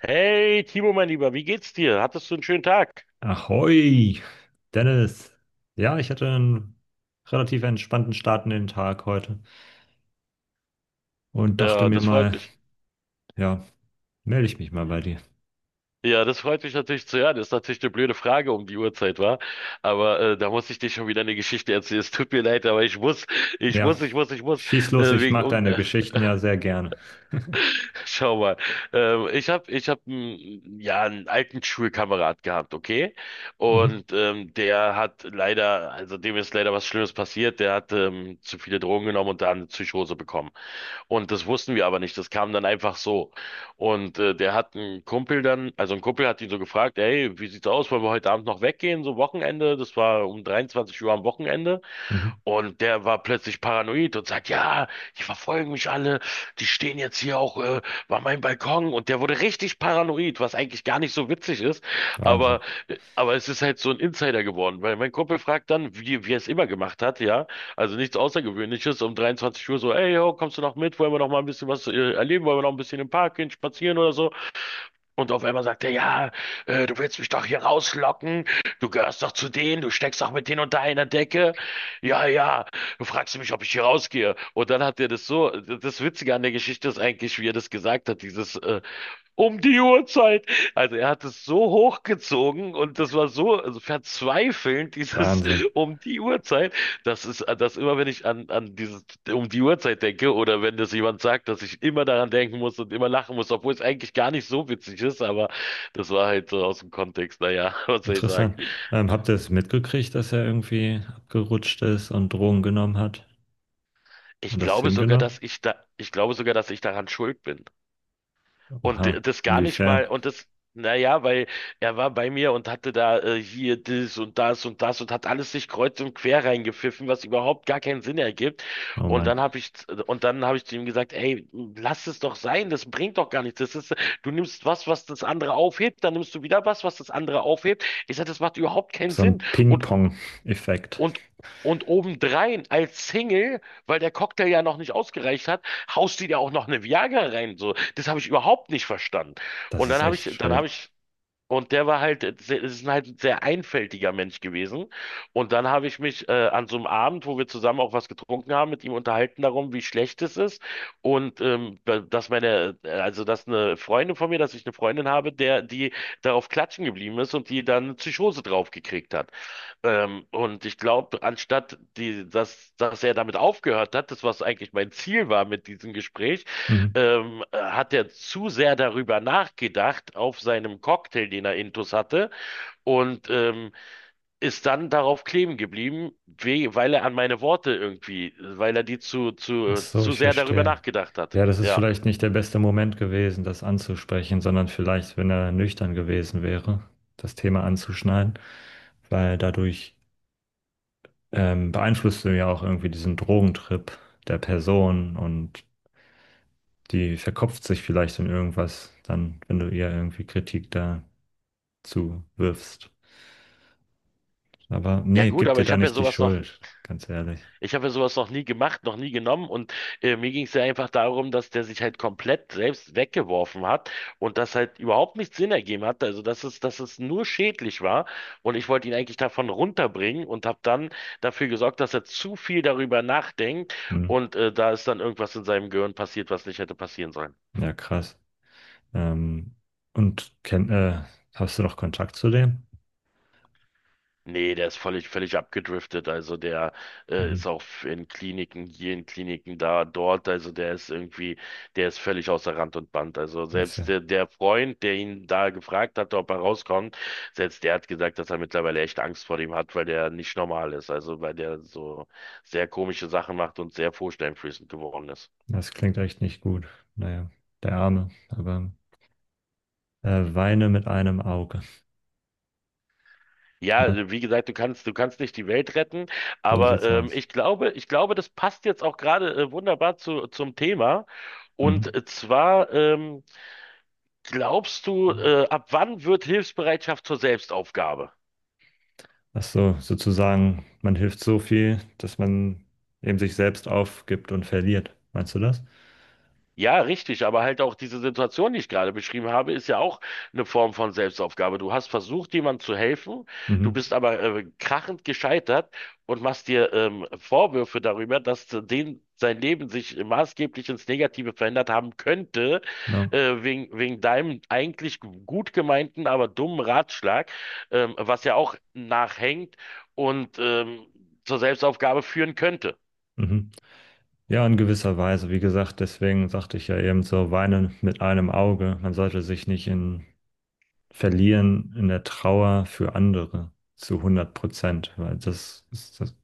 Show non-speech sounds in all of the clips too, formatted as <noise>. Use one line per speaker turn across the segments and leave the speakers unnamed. Hey, Timo, mein Lieber, wie geht's dir? Hattest du einen schönen Tag?
Ahoi, Dennis. Ja, ich hatte einen relativ entspannten Start in den Tag heute und dachte
Ja,
mir
das freut
mal,
mich.
ja, melde ich mich mal bei dir.
Ja, das freut mich natürlich zu hören. Ist natürlich eine blöde Frage um die Uhrzeit, war. Aber da muss ich dir schon wieder eine Geschichte erzählen. Es tut mir leid, aber ich muss, ich
Ja,
muss, ich muss, ich muss.
schieß los,
Äh,
ich
wegen
mag
um,
deine
äh,
Geschichten ja sehr gerne.
<laughs> Schau mal. Ich hab, einen, ja, einen alten Schulkamerad gehabt, okay?
Mhm.
Und der hat leider, also dem ist leider was Schlimmes passiert. Der hat zu viele Drogen genommen und da eine Psychose bekommen. Und das wussten wir aber nicht. Das kam dann einfach so. Und der hat einen Kumpel dann, also ein Kumpel hat ihn so gefragt, hey, wie sieht's aus? Wollen wir heute Abend noch weggehen? So Wochenende. Das war um 23 Uhr am Wochenende.
Mhm.
Und der war plötzlich paranoid und sagt, ja, die verfolgen mich alle, die stehen jetzt hier auch bei meinem Balkon. Und der wurde richtig paranoid, was eigentlich gar nicht so witzig ist.
Wahnsinn.
Aber, aber es ist halt so ein Insider geworden, weil mein Kumpel fragt dann, wie er es immer gemacht hat, ja. Also nichts Außergewöhnliches, um 23 Uhr so, ey, yo, kommst du noch mit? Wollen wir noch mal ein bisschen was erleben? Wollen wir noch ein bisschen im Park gehen, spazieren oder so? Und auf einmal sagt er, ja, du willst mich doch hier rauslocken. Du gehörst doch zu denen, du steckst doch mit denen unter einer Decke. Ja, ja, du fragst mich, ob ich hier rausgehe. Und dann hat er das so, das Witzige an der Geschichte ist eigentlich, wie er das gesagt hat, dieses um die Uhrzeit. Also er hat es so hochgezogen und das war so also verzweifelnd, dieses
Wahnsinn.
<laughs> um die Uhrzeit. Das ist, das immer, wenn ich an dieses, um die Uhrzeit denke oder wenn das jemand sagt, dass ich immer daran denken muss und immer lachen muss, obwohl es eigentlich gar nicht so witzig ist, aber das war halt so aus dem Kontext. Naja, <laughs> was soll ich sagen?
Interessant. Habt ihr es mitgekriegt, dass er irgendwie abgerutscht ist und Drogen genommen hat
Ich
und das
glaube sogar, dass
hingenommen?
ich da, ich glaube sogar, dass ich daran schuld bin. Und
Oha,
das gar nicht
inwiefern?
mal, und das, naja, weil er war bei mir und hatte da hier das und das und das und hat alles sich kreuz und quer reingepfiffen, was überhaupt gar keinen Sinn ergibt.
Oh
Und
Mann,
dann habe ich, und dann habe ich zu ihm gesagt, ey, lass es doch sein, das bringt doch gar nichts. Das ist, du nimmst was, was das andere aufhebt, dann nimmst du wieder was, was das andere aufhebt. Ich sage, das macht überhaupt keinen
so
Sinn.
ein
Und
Ping-Pong-Effekt.
und, und obendrein als Single, weil der Cocktail ja noch nicht ausgereicht hat, haust die dir auch noch eine Viagra rein. So, das habe ich überhaupt nicht verstanden.
Das
Und
ist echt
dann habe
schräg.
ich und der war halt, ist halt ein sehr einfältiger Mensch gewesen. Und dann habe ich mich an so einem Abend, wo wir zusammen auch was getrunken haben, mit ihm unterhalten darum, wie schlecht es ist. Und dass meine, also dass eine Freundin von mir, dass ich eine Freundin habe, der, die darauf klatschen geblieben ist und die dann eine Psychose drauf gekriegt hat. Und ich glaube, anstatt die, dass er damit aufgehört hat, das was eigentlich mein Ziel war mit diesem Gespräch,
Mhm.
hat er zu sehr darüber nachgedacht auf seinem Cocktail, den er intus hatte, und ist dann darauf kleben geblieben, we weil er an meine Worte irgendwie, weil er die zu,
Ach
zu,
so,
zu
ich
sehr darüber
verstehe.
nachgedacht hat.
Ja, das ist
Ja.
vielleicht nicht der beste Moment gewesen, das anzusprechen, sondern vielleicht, wenn er nüchtern gewesen wäre, das Thema anzuschneiden, weil dadurch beeinflusst du ja auch irgendwie diesen Drogentrip der Person, und die verkopft sich vielleicht in irgendwas, dann, wenn du ihr irgendwie Kritik dazu wirfst. Aber
Ja
nee,
gut,
gib
aber
dir
ich
da
habe ja
nicht die
sowas noch
Schuld, ganz ehrlich.
Ich habe ja sowas noch nie gemacht, noch nie genommen und mir ging es ja einfach darum, dass der sich halt komplett selbst weggeworfen hat und das halt überhaupt nicht Sinn ergeben hat, also dass es nur schädlich war und ich wollte ihn eigentlich davon runterbringen und habe dann dafür gesorgt, dass er zu viel darüber nachdenkt
Hm.
und da ist dann irgendwas in seinem Gehirn passiert, was nicht hätte passieren sollen.
Ja, krass. Ähm, und kenn, äh, hast du noch Kontakt zu dem?
Nee, der ist völlig, völlig abgedriftet. Also der
Mhm.
ist auch in Kliniken, hier in Kliniken, da, dort. Also der ist irgendwie, der ist völlig außer Rand und Band. Also
Das,
selbst
ja,
der, der Freund, der ihn da gefragt hat, ob er rauskommt, selbst der hat gesagt, dass er mittlerweile echt Angst vor dem hat, weil der nicht normal ist. Also weil der so sehr komische Sachen macht und sehr vorstellungsflößend geworden ist.
das klingt echt nicht gut. Naja, der Arme, aber weine mit einem Auge.
Ja,
Ne?
also wie gesagt, du kannst nicht die Welt retten,
So
aber
sieht's aus.
ich glaube, das passt jetzt auch gerade wunderbar zum Thema.
Mhm.
Und zwar, glaubst du, ab wann wird Hilfsbereitschaft zur Selbstaufgabe?
Ach so, sozusagen, man hilft so viel, dass man eben sich selbst aufgibt und verliert. Meinst du das?
Ja, richtig, aber halt auch diese Situation, die ich gerade beschrieben habe, ist ja auch eine Form von Selbstaufgabe. Du hast versucht, jemandem zu helfen, du
Mhm.
bist aber krachend gescheitert und machst dir Vorwürfe darüber, dass den sein Leben sich maßgeblich ins Negative verändert haben könnte,
Ja.
wegen deinem eigentlich gut gemeinten, aber dummen Ratschlag, was ja auch nachhängt und zur Selbstaufgabe führen könnte.
Mhm. Ja, in gewisser Weise. Wie gesagt, deswegen sagte ich ja eben so, weinen mit einem Auge. Man sollte sich nicht in verlieren in der Trauer für andere zu 100%, weil das ist das,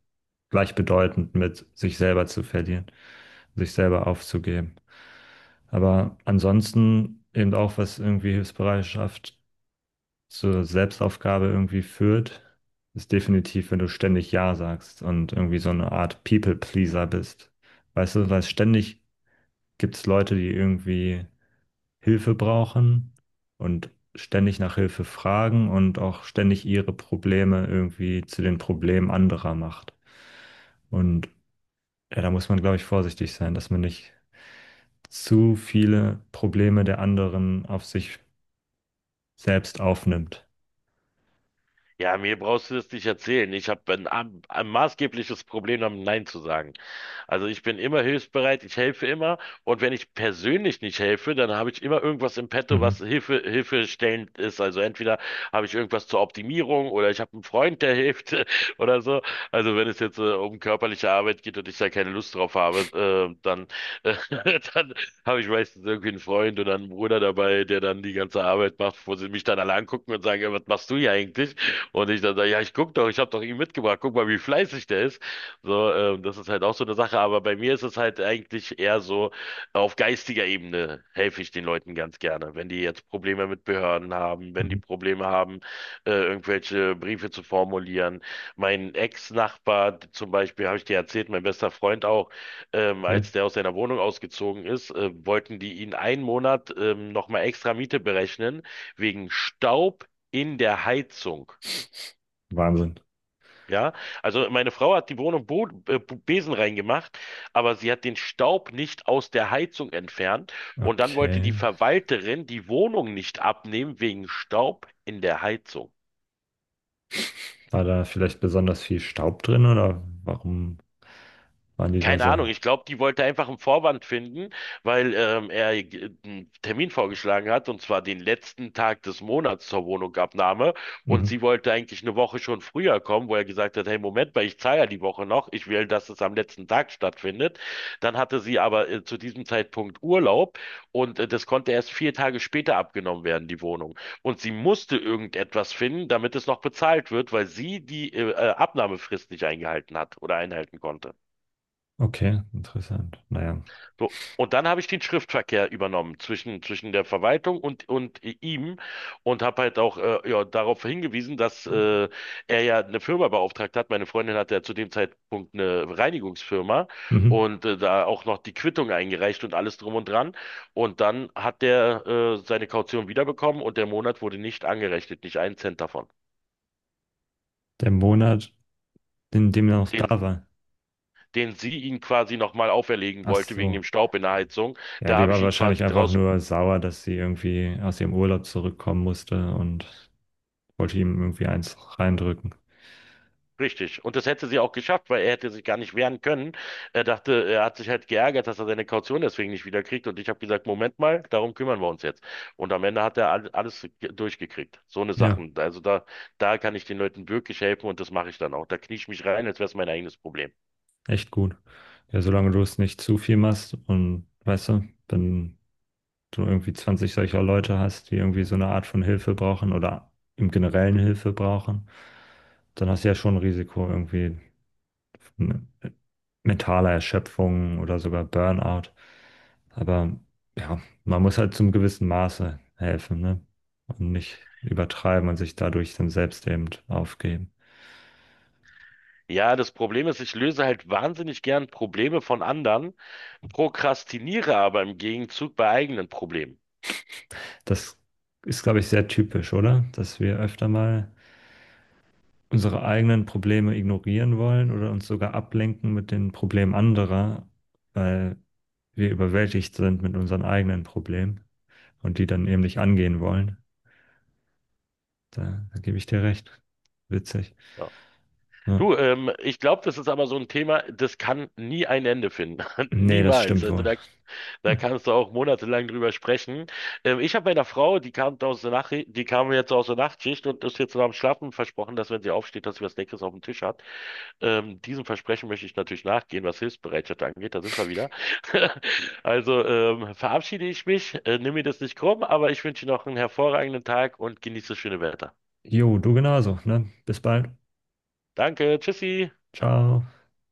gleichbedeutend mit sich selber zu verlieren, sich selber aufzugeben. Aber ansonsten eben auch, was irgendwie Hilfsbereitschaft zur Selbstaufgabe irgendwie führt, ist definitiv, wenn du ständig Ja sagst und irgendwie so eine Art People-Pleaser bist. Weißt du, weil ständig gibt es Leute, die irgendwie Hilfe brauchen und ständig nach Hilfe fragen und auch ständig ihre Probleme irgendwie zu den Problemen anderer macht. Und ja, da muss man, glaube ich, vorsichtig sein, dass man nicht zu viele Probleme der anderen auf sich selbst aufnimmt.
Ja, mir brauchst du das nicht erzählen. Ich habe ein maßgebliches Problem damit, Nein zu sagen. Also ich bin immer hilfsbereit, ich helfe immer. Und wenn ich persönlich nicht helfe, dann habe ich immer irgendwas im Petto, was
Mhm.
Hilfestellend ist. Also entweder habe ich irgendwas zur Optimierung oder ich habe einen Freund, der hilft <laughs> oder so. Also wenn es jetzt um körperliche Arbeit geht und ich da keine Lust drauf habe, äh, <laughs> dann habe ich meistens irgendwie einen Freund oder einen Bruder dabei, der dann die ganze Arbeit macht, wo sie mich dann alle angucken und sagen, "Ja, was machst du hier eigentlich? Und ich dann sage, ja, ich guck doch, ich habe doch ihn mitgebracht, guck mal, wie fleißig der ist." So, das ist halt auch so eine Sache, aber bei mir ist es halt eigentlich eher so, auf geistiger Ebene helfe ich den Leuten ganz gerne. Wenn die jetzt Probleme mit Behörden haben, wenn die
Mhm.
Probleme haben, irgendwelche Briefe zu formulieren. Mein Ex-Nachbar zum Beispiel, habe ich dir erzählt, mein bester Freund auch,
Ja,
als der aus seiner Wohnung ausgezogen ist, wollten die ihn einen Monat nochmal extra Miete berechnen, wegen Staub in der Heizung.
Wahnsinn.
Ja, also meine Frau hat die Wohnung Besen reingemacht, aber sie hat den Staub nicht aus der Heizung entfernt und dann wollte die
Okay.
Verwalterin die Wohnung nicht abnehmen wegen Staub in der Heizung.
War da vielleicht besonders viel Staub drin oder warum waren die da
Keine
so?
Ahnung, ich glaube, die wollte einfach einen Vorwand finden, weil er einen Termin vorgeschlagen hat, und zwar den letzten Tag des Monats zur Wohnungsabnahme. Und sie
Mhm.
wollte eigentlich eine Woche schon früher kommen, wo er gesagt hat, hey, Moment mal, ich zahle ja die Woche noch, ich will, dass es am letzten Tag stattfindet. Dann hatte sie aber zu diesem Zeitpunkt Urlaub und das konnte erst vier Tage später abgenommen werden, die Wohnung. Und sie musste irgendetwas finden, damit es noch bezahlt wird, weil sie die Abnahmefrist nicht eingehalten hat oder einhalten konnte.
Okay, interessant. Naja.
So. Und dann habe ich den Schriftverkehr übernommen zwischen der Verwaltung und ihm und habe halt auch ja, darauf hingewiesen, dass er ja eine Firma beauftragt hat. Meine Freundin hatte ja zu dem Zeitpunkt eine Reinigungsfirma
Mhm.
und da auch noch die Quittung eingereicht und alles drum und dran. Und dann hat der seine Kaution wiederbekommen und der Monat wurde nicht angerechnet, nicht einen Cent davon.
Der Monat, in dem er noch
Den,
da war.
den sie ihn quasi nochmal auferlegen
Ach
wollte wegen
so.
dem Staub in der Heizung.
Ja,
Da
die
habe ich
war
ihn
wahrscheinlich
quasi
einfach
draus.
nur sauer, dass sie irgendwie aus ihrem Urlaub zurückkommen musste und wollte ihm irgendwie eins reindrücken.
Richtig. Und das hätte sie auch geschafft, weil er hätte sich gar nicht wehren können. Er dachte, er hat sich halt geärgert, dass er seine Kaution deswegen nicht wiederkriegt. Und ich habe gesagt, Moment mal, darum kümmern wir uns jetzt. Und am Ende hat er alles durchgekriegt. So eine
Ja.
Sachen. Also da kann ich den Leuten wirklich helfen und das mache ich dann auch. Da knie ich mich rein, als wäre es mein eigenes Problem.
Echt gut. Ja, solange du es nicht zu viel machst, und weißt du, wenn du irgendwie 20 solcher Leute hast, die irgendwie so eine Art von Hilfe brauchen oder im Generellen Hilfe brauchen, dann hast du ja schon ein Risiko irgendwie von mentaler Erschöpfung oder sogar Burnout. Aber ja, man muss halt zum gewissen Maße helfen, ne? Und nicht übertreiben und sich dadurch dann selbst eben aufgeben.
Ja, das Problem ist, ich löse halt wahnsinnig gern Probleme von anderen, prokrastiniere aber im Gegenzug bei eigenen Problemen.
Das ist, glaube ich, sehr typisch, oder? Dass wir öfter mal unsere eigenen Probleme ignorieren wollen oder uns sogar ablenken mit den Problemen anderer, weil wir überwältigt sind mit unseren eigenen Problemen und die dann eben nicht angehen wollen. Da gebe ich dir recht. Witzig.
Ja.
Ja.
Du, ich glaube, das ist aber so ein Thema, das kann nie ein Ende finden. <laughs>
Nee, das
Niemals.
stimmt
Also
wohl.
da
<laughs>
kannst du auch monatelang drüber sprechen. Ich habe meiner Frau, die kam aus der Nacht, die kam jetzt aus der Nachtschicht und ist jetzt noch am Schlafen versprochen, dass wenn sie aufsteht, dass sie was Leckeres auf dem Tisch hat. Diesem Versprechen möchte ich natürlich nachgehen, was Hilfsbereitschaft angeht. Da sind wir wieder. <laughs> Also verabschiede ich mich, nimm mir das nicht krumm, aber ich wünsche dir noch einen hervorragenden Tag und genieße das schöne Wetter.
Jo, du genauso, ne? Bis bald.
Danke, tschüssi.
Ciao.